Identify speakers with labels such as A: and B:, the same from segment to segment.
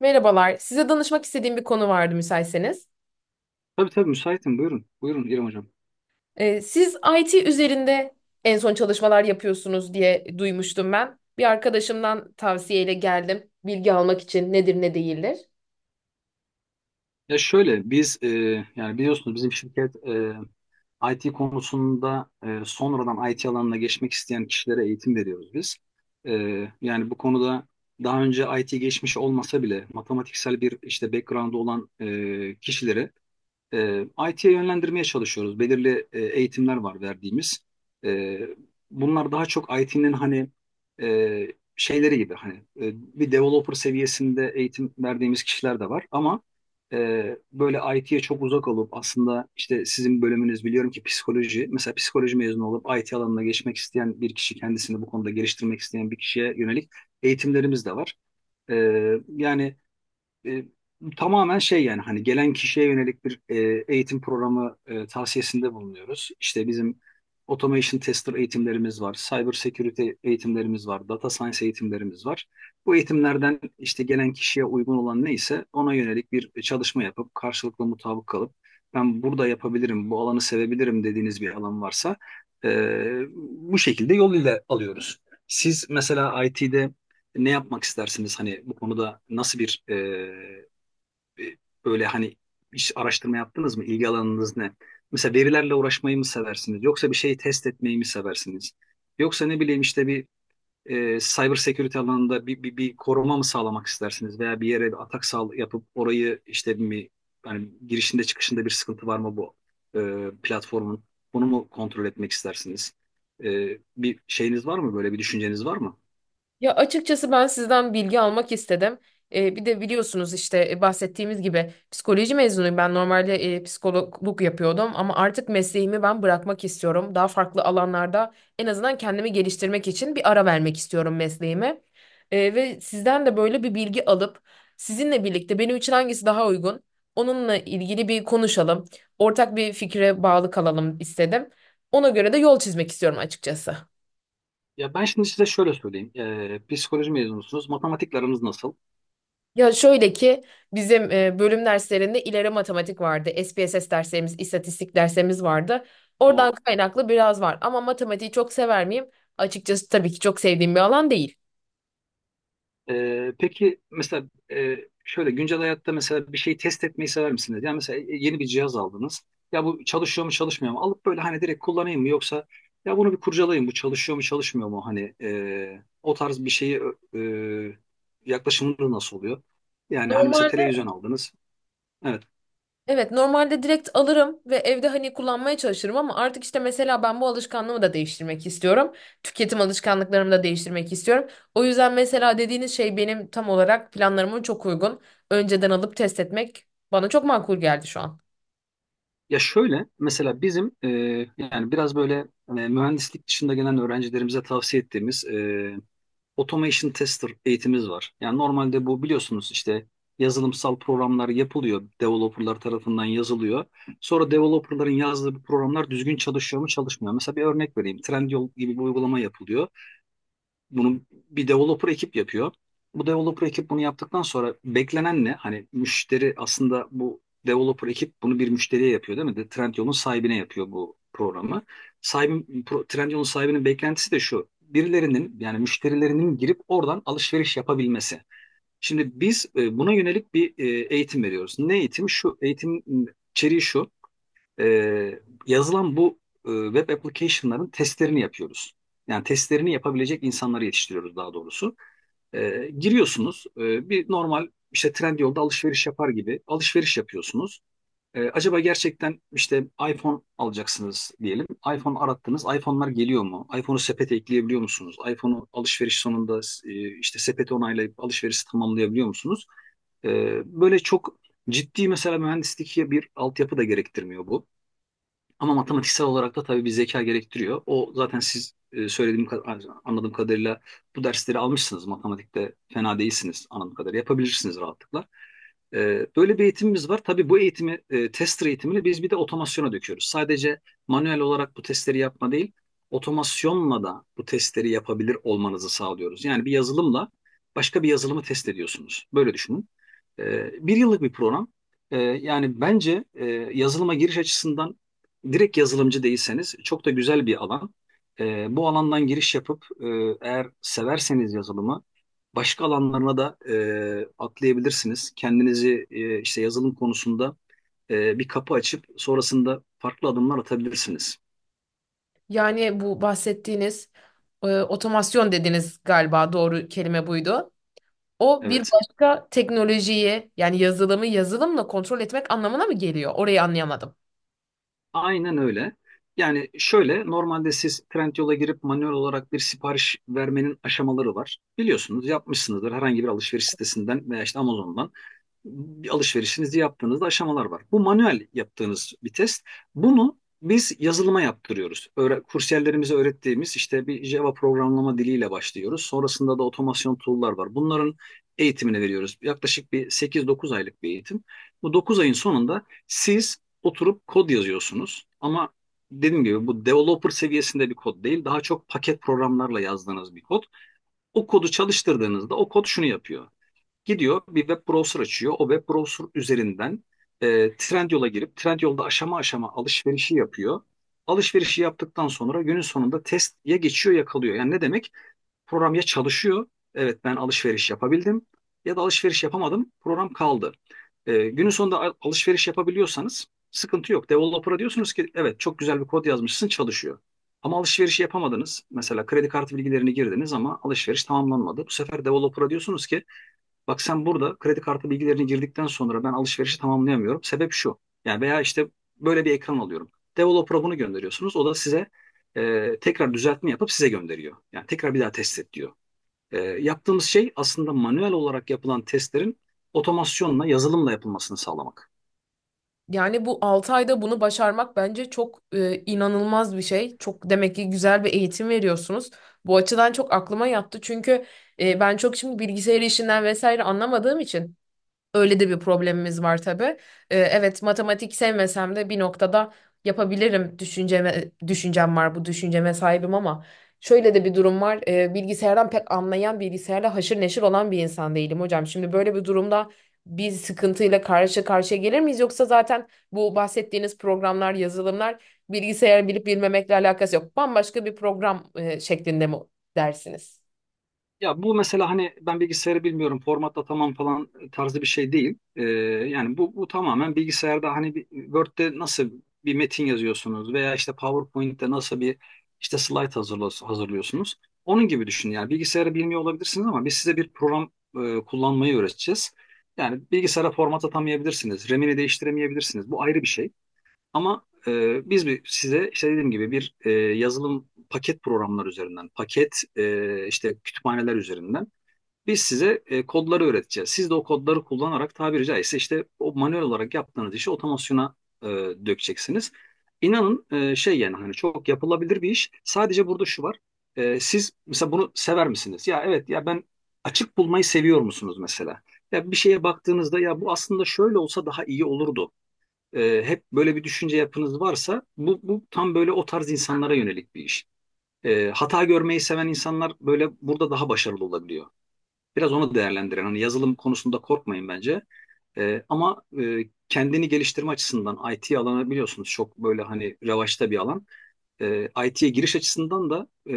A: Merhabalar. Size danışmak istediğim bir konu vardı müsaitseniz.
B: Tabii tabii müsaitim. Buyurun. Buyurun İrem Hocam.
A: Siz IT üzerinde en son çalışmalar yapıyorsunuz diye duymuştum ben. Bir arkadaşımdan tavsiyeyle geldim. Bilgi almak için nedir ne değildir.
B: Ya şöyle biz yani biliyorsunuz bizim şirket IT konusunda sonradan IT alanına geçmek isteyen kişilere eğitim veriyoruz biz. E, yani bu konuda daha önce IT geçmiş olmasa bile matematiksel bir işte background olan kişilere E, IT'ye yönlendirmeye çalışıyoruz. Belirli eğitimler var verdiğimiz. E, bunlar daha çok IT'nin hani e, şeyleri gibi hani e, bir developer seviyesinde eğitim verdiğimiz kişiler de var ama böyle IT'ye çok uzak olup aslında işte sizin bölümünüz biliyorum ki psikoloji. Mesela psikoloji mezunu olup IT alanına geçmek isteyen bir kişi kendisini bu konuda geliştirmek isteyen bir kişiye yönelik eğitimlerimiz de var. E, yani e, tamamen şey yani hani gelen kişiye yönelik bir eğitim programı tavsiyesinde bulunuyoruz. İşte bizim automation tester eğitimlerimiz var, cyber security eğitimlerimiz var, data science eğitimlerimiz var. Bu eğitimlerden işte gelen kişiye uygun olan neyse ona yönelik bir çalışma yapıp karşılıklı mutabık kalıp ben burada yapabilirim, bu alanı sevebilirim dediğiniz bir alan varsa e, bu şekilde yol ile alıyoruz. Siz mesela IT'de ne yapmak istersiniz? Hani bu konuda nasıl bir böyle hani hiç araştırma yaptınız mı? İlgi alanınız ne? Mesela verilerle uğraşmayı mı seversiniz? Yoksa bir şeyi test etmeyi mi seversiniz? Yoksa ne bileyim işte bir cyber security alanında bir koruma mı sağlamak istersiniz? Veya bir yere bir atak yapıp orayı işte mi hani girişinde çıkışında bir sıkıntı var mı bu platformun? Bunu mu kontrol etmek istersiniz? Bir şeyiniz var mı, böyle bir düşünceniz var mı?
A: Ya açıkçası ben sizden bilgi almak istedim. Bir de biliyorsunuz işte bahsettiğimiz gibi psikoloji mezunuyum. Ben normalde psikologluk yapıyordum ama artık mesleğimi ben bırakmak istiyorum. Daha farklı alanlarda en azından kendimi geliştirmek için bir ara vermek istiyorum mesleğime. Ve sizden de böyle bir bilgi alıp sizinle birlikte benim için hangisi daha uygun? Onunla ilgili bir konuşalım. Ortak bir fikre bağlı kalalım istedim. Ona göre de yol çizmek istiyorum açıkçası.
B: Ya ben şimdi size şöyle söyleyeyim. Psikoloji mezunusunuz. Matematikle aranız nasıl?
A: Ya şöyle ki bizim bölüm derslerinde ileri matematik vardı. SPSS derslerimiz, istatistik derslerimiz vardı. Oradan
B: O.
A: kaynaklı biraz var. Ama matematiği çok sever miyim? Açıkçası tabii ki çok sevdiğim bir alan değil.
B: Peki mesela e, şöyle güncel hayatta mesela bir şeyi test etmeyi sever misiniz? Yani mesela yeni bir cihaz aldınız. Ya bu çalışıyor mu çalışmıyor mu? Alıp böyle hani direkt kullanayım mı, yoksa ya bunu bir kurcalayayım bu çalışıyor mu çalışmıyor mu? Hani o tarz bir şeyi e, yaklaşımınız nasıl oluyor? Yani hani mesela
A: Normalde
B: televizyon aldınız. Evet.
A: evet, normalde direkt alırım ve evde hani kullanmaya çalışırım ama artık işte mesela ben bu alışkanlığımı da değiştirmek istiyorum. Tüketim alışkanlıklarımı da değiştirmek istiyorum. O yüzden mesela dediğiniz şey benim tam olarak planlarıma çok uygun. Önceden alıp test etmek bana çok makul geldi şu an.
B: Ya şöyle mesela bizim yani biraz böyle mühendislik dışında gelen öğrencilerimize tavsiye ettiğimiz automation tester eğitimimiz var. Yani normalde bu biliyorsunuz işte yazılımsal programlar yapılıyor. Developerlar tarafından yazılıyor. Sonra developerların yazdığı bu programlar düzgün çalışıyor mu çalışmıyor. Mu? Mesela bir örnek vereyim. Trendyol gibi bir uygulama yapılıyor. Bunu bir developer ekip yapıyor. Bu developer ekip bunu yaptıktan sonra beklenen ne? Hani müşteri aslında bu developer ekip bunu bir müşteriye yapıyor değil mi? Trendyol'un sahibine yapıyor bu programı. Trendyol'un sahibinin beklentisi de şu: birilerinin yani müşterilerinin girip oradan alışveriş yapabilmesi. Şimdi biz buna yönelik bir eğitim veriyoruz. Ne eğitim? Şu eğitim, içeriği şu: e, yazılan bu web application'ların testlerini yapıyoruz. Yani testlerini yapabilecek insanları yetiştiriyoruz daha doğrusu. Giriyorsunuz bir normal işte Trendyol'da alışveriş yapar gibi alışveriş yapıyorsunuz. Acaba gerçekten işte iPhone alacaksınız diyelim. iPhone arattınız. iPhone'lar geliyor mu? iPhone'u sepete ekleyebiliyor musunuz? iPhone'u alışveriş sonunda işte sepeti onaylayıp alışverişi tamamlayabiliyor musunuz? E, böyle çok ciddi mesela mühendislik bir altyapı da gerektirmiyor bu. Ama matematiksel olarak da tabii bir zeka gerektiriyor. O zaten, siz söylediğim hani anladığım kadarıyla bu dersleri almışsınız. Matematikte fena değilsiniz anladığım kadarıyla. Yapabilirsiniz rahatlıkla. Böyle bir eğitimimiz var. Tabii bu tester eğitimini biz bir de otomasyona döküyoruz. Sadece manuel olarak bu testleri yapma değil, otomasyonla da bu testleri yapabilir olmanızı sağlıyoruz. Yani bir yazılımla başka bir yazılımı test ediyorsunuz. Böyle düşünün. Bir yıllık bir program. Yani bence yazılıma giriş açısından direkt yazılımcı değilseniz çok da güzel bir alan. Bu alandan giriş yapıp eğer severseniz yazılımı başka alanlarına da atlayabilirsiniz. Kendinizi işte yazılım konusunda bir kapı açıp sonrasında farklı adımlar atabilirsiniz.
A: Yani bu bahsettiğiniz otomasyon dediniz galiba, doğru kelime buydu. O bir
B: Evet,
A: başka teknolojiyi yani yazılımı yazılımla kontrol etmek anlamına mı geliyor? Orayı anlayamadım.
B: aynen öyle. Yani şöyle, normalde siz Trendyol'a girip manuel olarak bir sipariş vermenin aşamaları var. Biliyorsunuz, yapmışsınızdır herhangi bir alışveriş sitesinden veya işte Amazon'dan bir alışverişinizi yaptığınızda aşamalar var. Bu manuel yaptığınız bir test. Bunu biz yazılıma yaptırıyoruz. Kursiyerlerimize öğrettiğimiz işte bir Java programlama diliyle başlıyoruz. Sonrasında da otomasyon tool'lar var. Bunların eğitimini veriyoruz. Yaklaşık bir 8-9 aylık bir eğitim. Bu 9 ayın sonunda siz oturup kod yazıyorsunuz. Ama dediğim gibi bu developer seviyesinde bir kod değil. Daha çok paket programlarla yazdığınız bir kod. O kodu çalıştırdığınızda o kod şunu yapıyor: gidiyor, bir web browser açıyor. O web browser üzerinden Trendyol'a girip Trendyol'da aşama aşama alışverişi yapıyor. Alışverişi yaptıktan sonra günün sonunda test ya geçiyor ya kalıyor. Yani ne demek? Program ya çalışıyor, evet ben alışveriş yapabildim, ya da alışveriş yapamadım, program kaldı. Günün sonunda alışveriş yapabiliyorsanız sıkıntı yok. Developer'a diyorsunuz ki evet, çok güzel bir kod yazmışsın, çalışıyor. Ama alışverişi yapamadınız. Mesela kredi kartı bilgilerini girdiniz ama alışveriş tamamlanmadı. Bu sefer developer'a diyorsunuz ki bak, sen burada kredi kartı bilgilerini girdikten sonra ben alışverişi tamamlayamıyorum. Sebep şu. Yani veya işte böyle bir ekran alıyorum. Developer'a bunu gönderiyorsunuz. O da size tekrar düzeltme yapıp size gönderiyor. Yani tekrar bir daha test et diyor. Yaptığımız şey aslında manuel olarak yapılan testlerin otomasyonla, yazılımla yapılmasını sağlamak.
A: Yani bu 6 ayda bunu başarmak bence çok inanılmaz bir şey. Çok demek ki güzel bir eğitim veriyorsunuz. Bu açıdan çok aklıma yattı. Çünkü ben çok şimdi bilgisayar işinden vesaire anlamadığım için öyle de bir problemimiz var tabii. Evet, matematik sevmesem de bir noktada yapabilirim düşüncem var, bu düşünceme sahibim ama şöyle de bir durum var. Bilgisayardan pek anlayan, bilgisayarla haşır neşir olan bir insan değilim hocam. Şimdi böyle bir durumda bir sıkıntıyla karşı karşıya gelir miyiz, yoksa zaten bu bahsettiğiniz programlar, yazılımlar bilgisayar bilip bilmemekle alakası yok. Bambaşka bir program şeklinde mi dersiniz?
B: Ya bu mesela hani ben bilgisayarı bilmiyorum, formatla tamam falan tarzı bir şey değil. Yani bu tamamen bilgisayarda hani Word'de nasıl bir metin yazıyorsunuz veya işte PowerPoint'te nasıl bir işte slide hazırlıyorsunuz, onun gibi düşünün. Yani bilgisayarı bilmiyor olabilirsiniz ama biz size bir program kullanmayı öğreteceğiz. Yani bilgisayara format atamayabilirsiniz, RAM'ini değiştiremeyebilirsiniz, bu ayrı bir şey. Ama biz size işte dediğim gibi bir yazılım paket programlar üzerinden, paket işte kütüphaneler üzerinden biz size kodları öğreteceğiz. Siz de o kodları kullanarak tabiri caizse işte o manuel olarak yaptığınız işi otomasyona e, dökeceksiniz. İnanın şey, yani hani çok yapılabilir bir iş. Sadece burada şu var: siz mesela bunu sever misiniz? Ya evet, ya ben açık bulmayı seviyor musunuz mesela? Ya bir şeye baktığınızda, ya bu aslında şöyle olsa daha iyi olurdu, hep böyle bir düşünce yapınız varsa, bu tam böyle o tarz insanlara yönelik bir iş. Hata görmeyi seven insanlar böyle burada daha başarılı olabiliyor. Biraz onu değerlendiren, hani yazılım konusunda korkmayın bence. Ama kendini geliştirme açısından IT alanı biliyorsunuz çok böyle hani revaçta bir alan. IT'ye giriş açısından da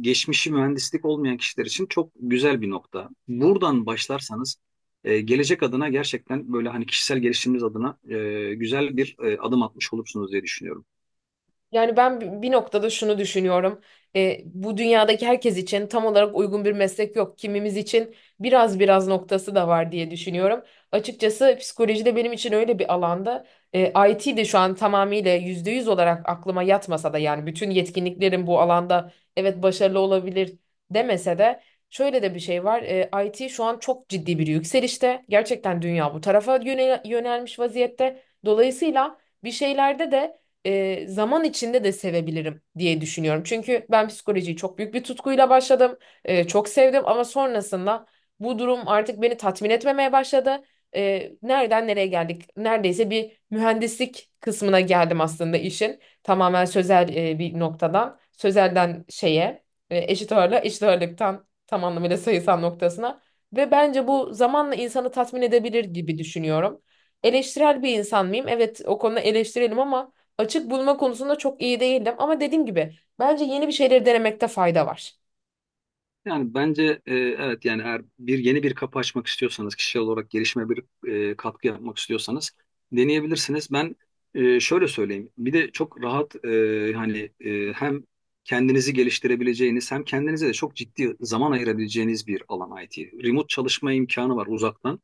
B: geçmişi mühendislik olmayan kişiler için çok güzel bir nokta. Buradan başlarsanız gelecek adına gerçekten böyle hani kişisel gelişiminiz adına güzel bir adım atmış olursunuz diye düşünüyorum.
A: Yani ben bir noktada şunu düşünüyorum. E, bu dünyadaki herkes için tam olarak uygun bir meslek yok. Kimimiz için biraz biraz noktası da var diye düşünüyorum. Açıkçası psikoloji de benim için öyle bir alanda. E, IT de şu an tamamıyla %100 olarak aklıma yatmasa da yani bütün yetkinliklerim bu alanda evet başarılı olabilir demese de şöyle de bir şey var. E, IT şu an çok ciddi bir yükselişte. Gerçekten dünya bu tarafa yönelmiş vaziyette. Dolayısıyla bir şeylerde de zaman içinde de sevebilirim diye düşünüyorum. Çünkü ben psikolojiyi çok büyük bir tutkuyla başladım. E, çok sevdim ama sonrasında bu durum artık beni tatmin etmemeye başladı. E, nereden nereye geldik? Neredeyse bir mühendislik kısmına geldim aslında işin. Tamamen sözel bir noktadan. Sözelden şeye, eşit ağırlığa, eşit ağırlıktan tam anlamıyla sayısal noktasına. Ve bence bu zamanla insanı tatmin edebilir gibi düşünüyorum. Eleştirel bir insan mıyım? Evet, o konuda eleştirelim ama açık bulma konusunda çok iyi değildim ama dediğim gibi bence yeni bir şeyleri denemekte fayda var.
B: Yani bence evet, yani eğer bir yeni bir kapı açmak istiyorsanız, kişisel olarak gelişime bir katkı yapmak istiyorsanız, deneyebilirsiniz. Ben şöyle söyleyeyim. Bir de çok rahat hani hem kendinizi geliştirebileceğiniz hem kendinize de çok ciddi zaman ayırabileceğiniz bir alan IT. Remote çalışma imkanı var, uzaktan.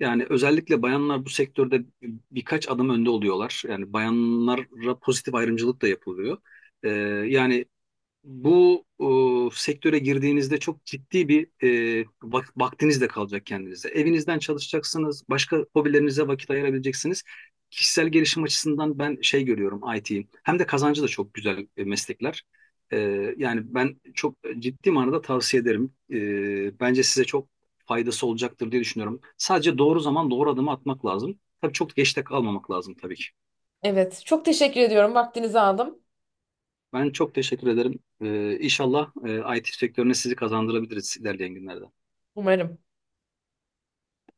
B: Yani özellikle bayanlar bu sektörde birkaç adım önde oluyorlar. Yani bayanlara pozitif ayrımcılık da yapılıyor. E, yani bu sektöre girdiğinizde çok ciddi bir vaktiniz de kalacak kendinize. Evinizden çalışacaksınız, başka hobilerinize vakit ayırabileceksiniz. Kişisel gelişim açısından ben şey görüyorum IT'yi. Hem de kazancı da çok güzel meslekler. E, yani ben çok ciddi manada tavsiye ederim. Bence size çok faydası olacaktır diye düşünüyorum. Sadece doğru zaman doğru adımı atmak lazım. Tabii çok geçte kalmamak lazım tabii ki.
A: Evet, çok teşekkür ediyorum. Vaktinizi aldım.
B: Ben çok teşekkür ederim. İnşallah IT sektörüne sizi kazandırabiliriz ilerleyen günlerde.
A: Umarım.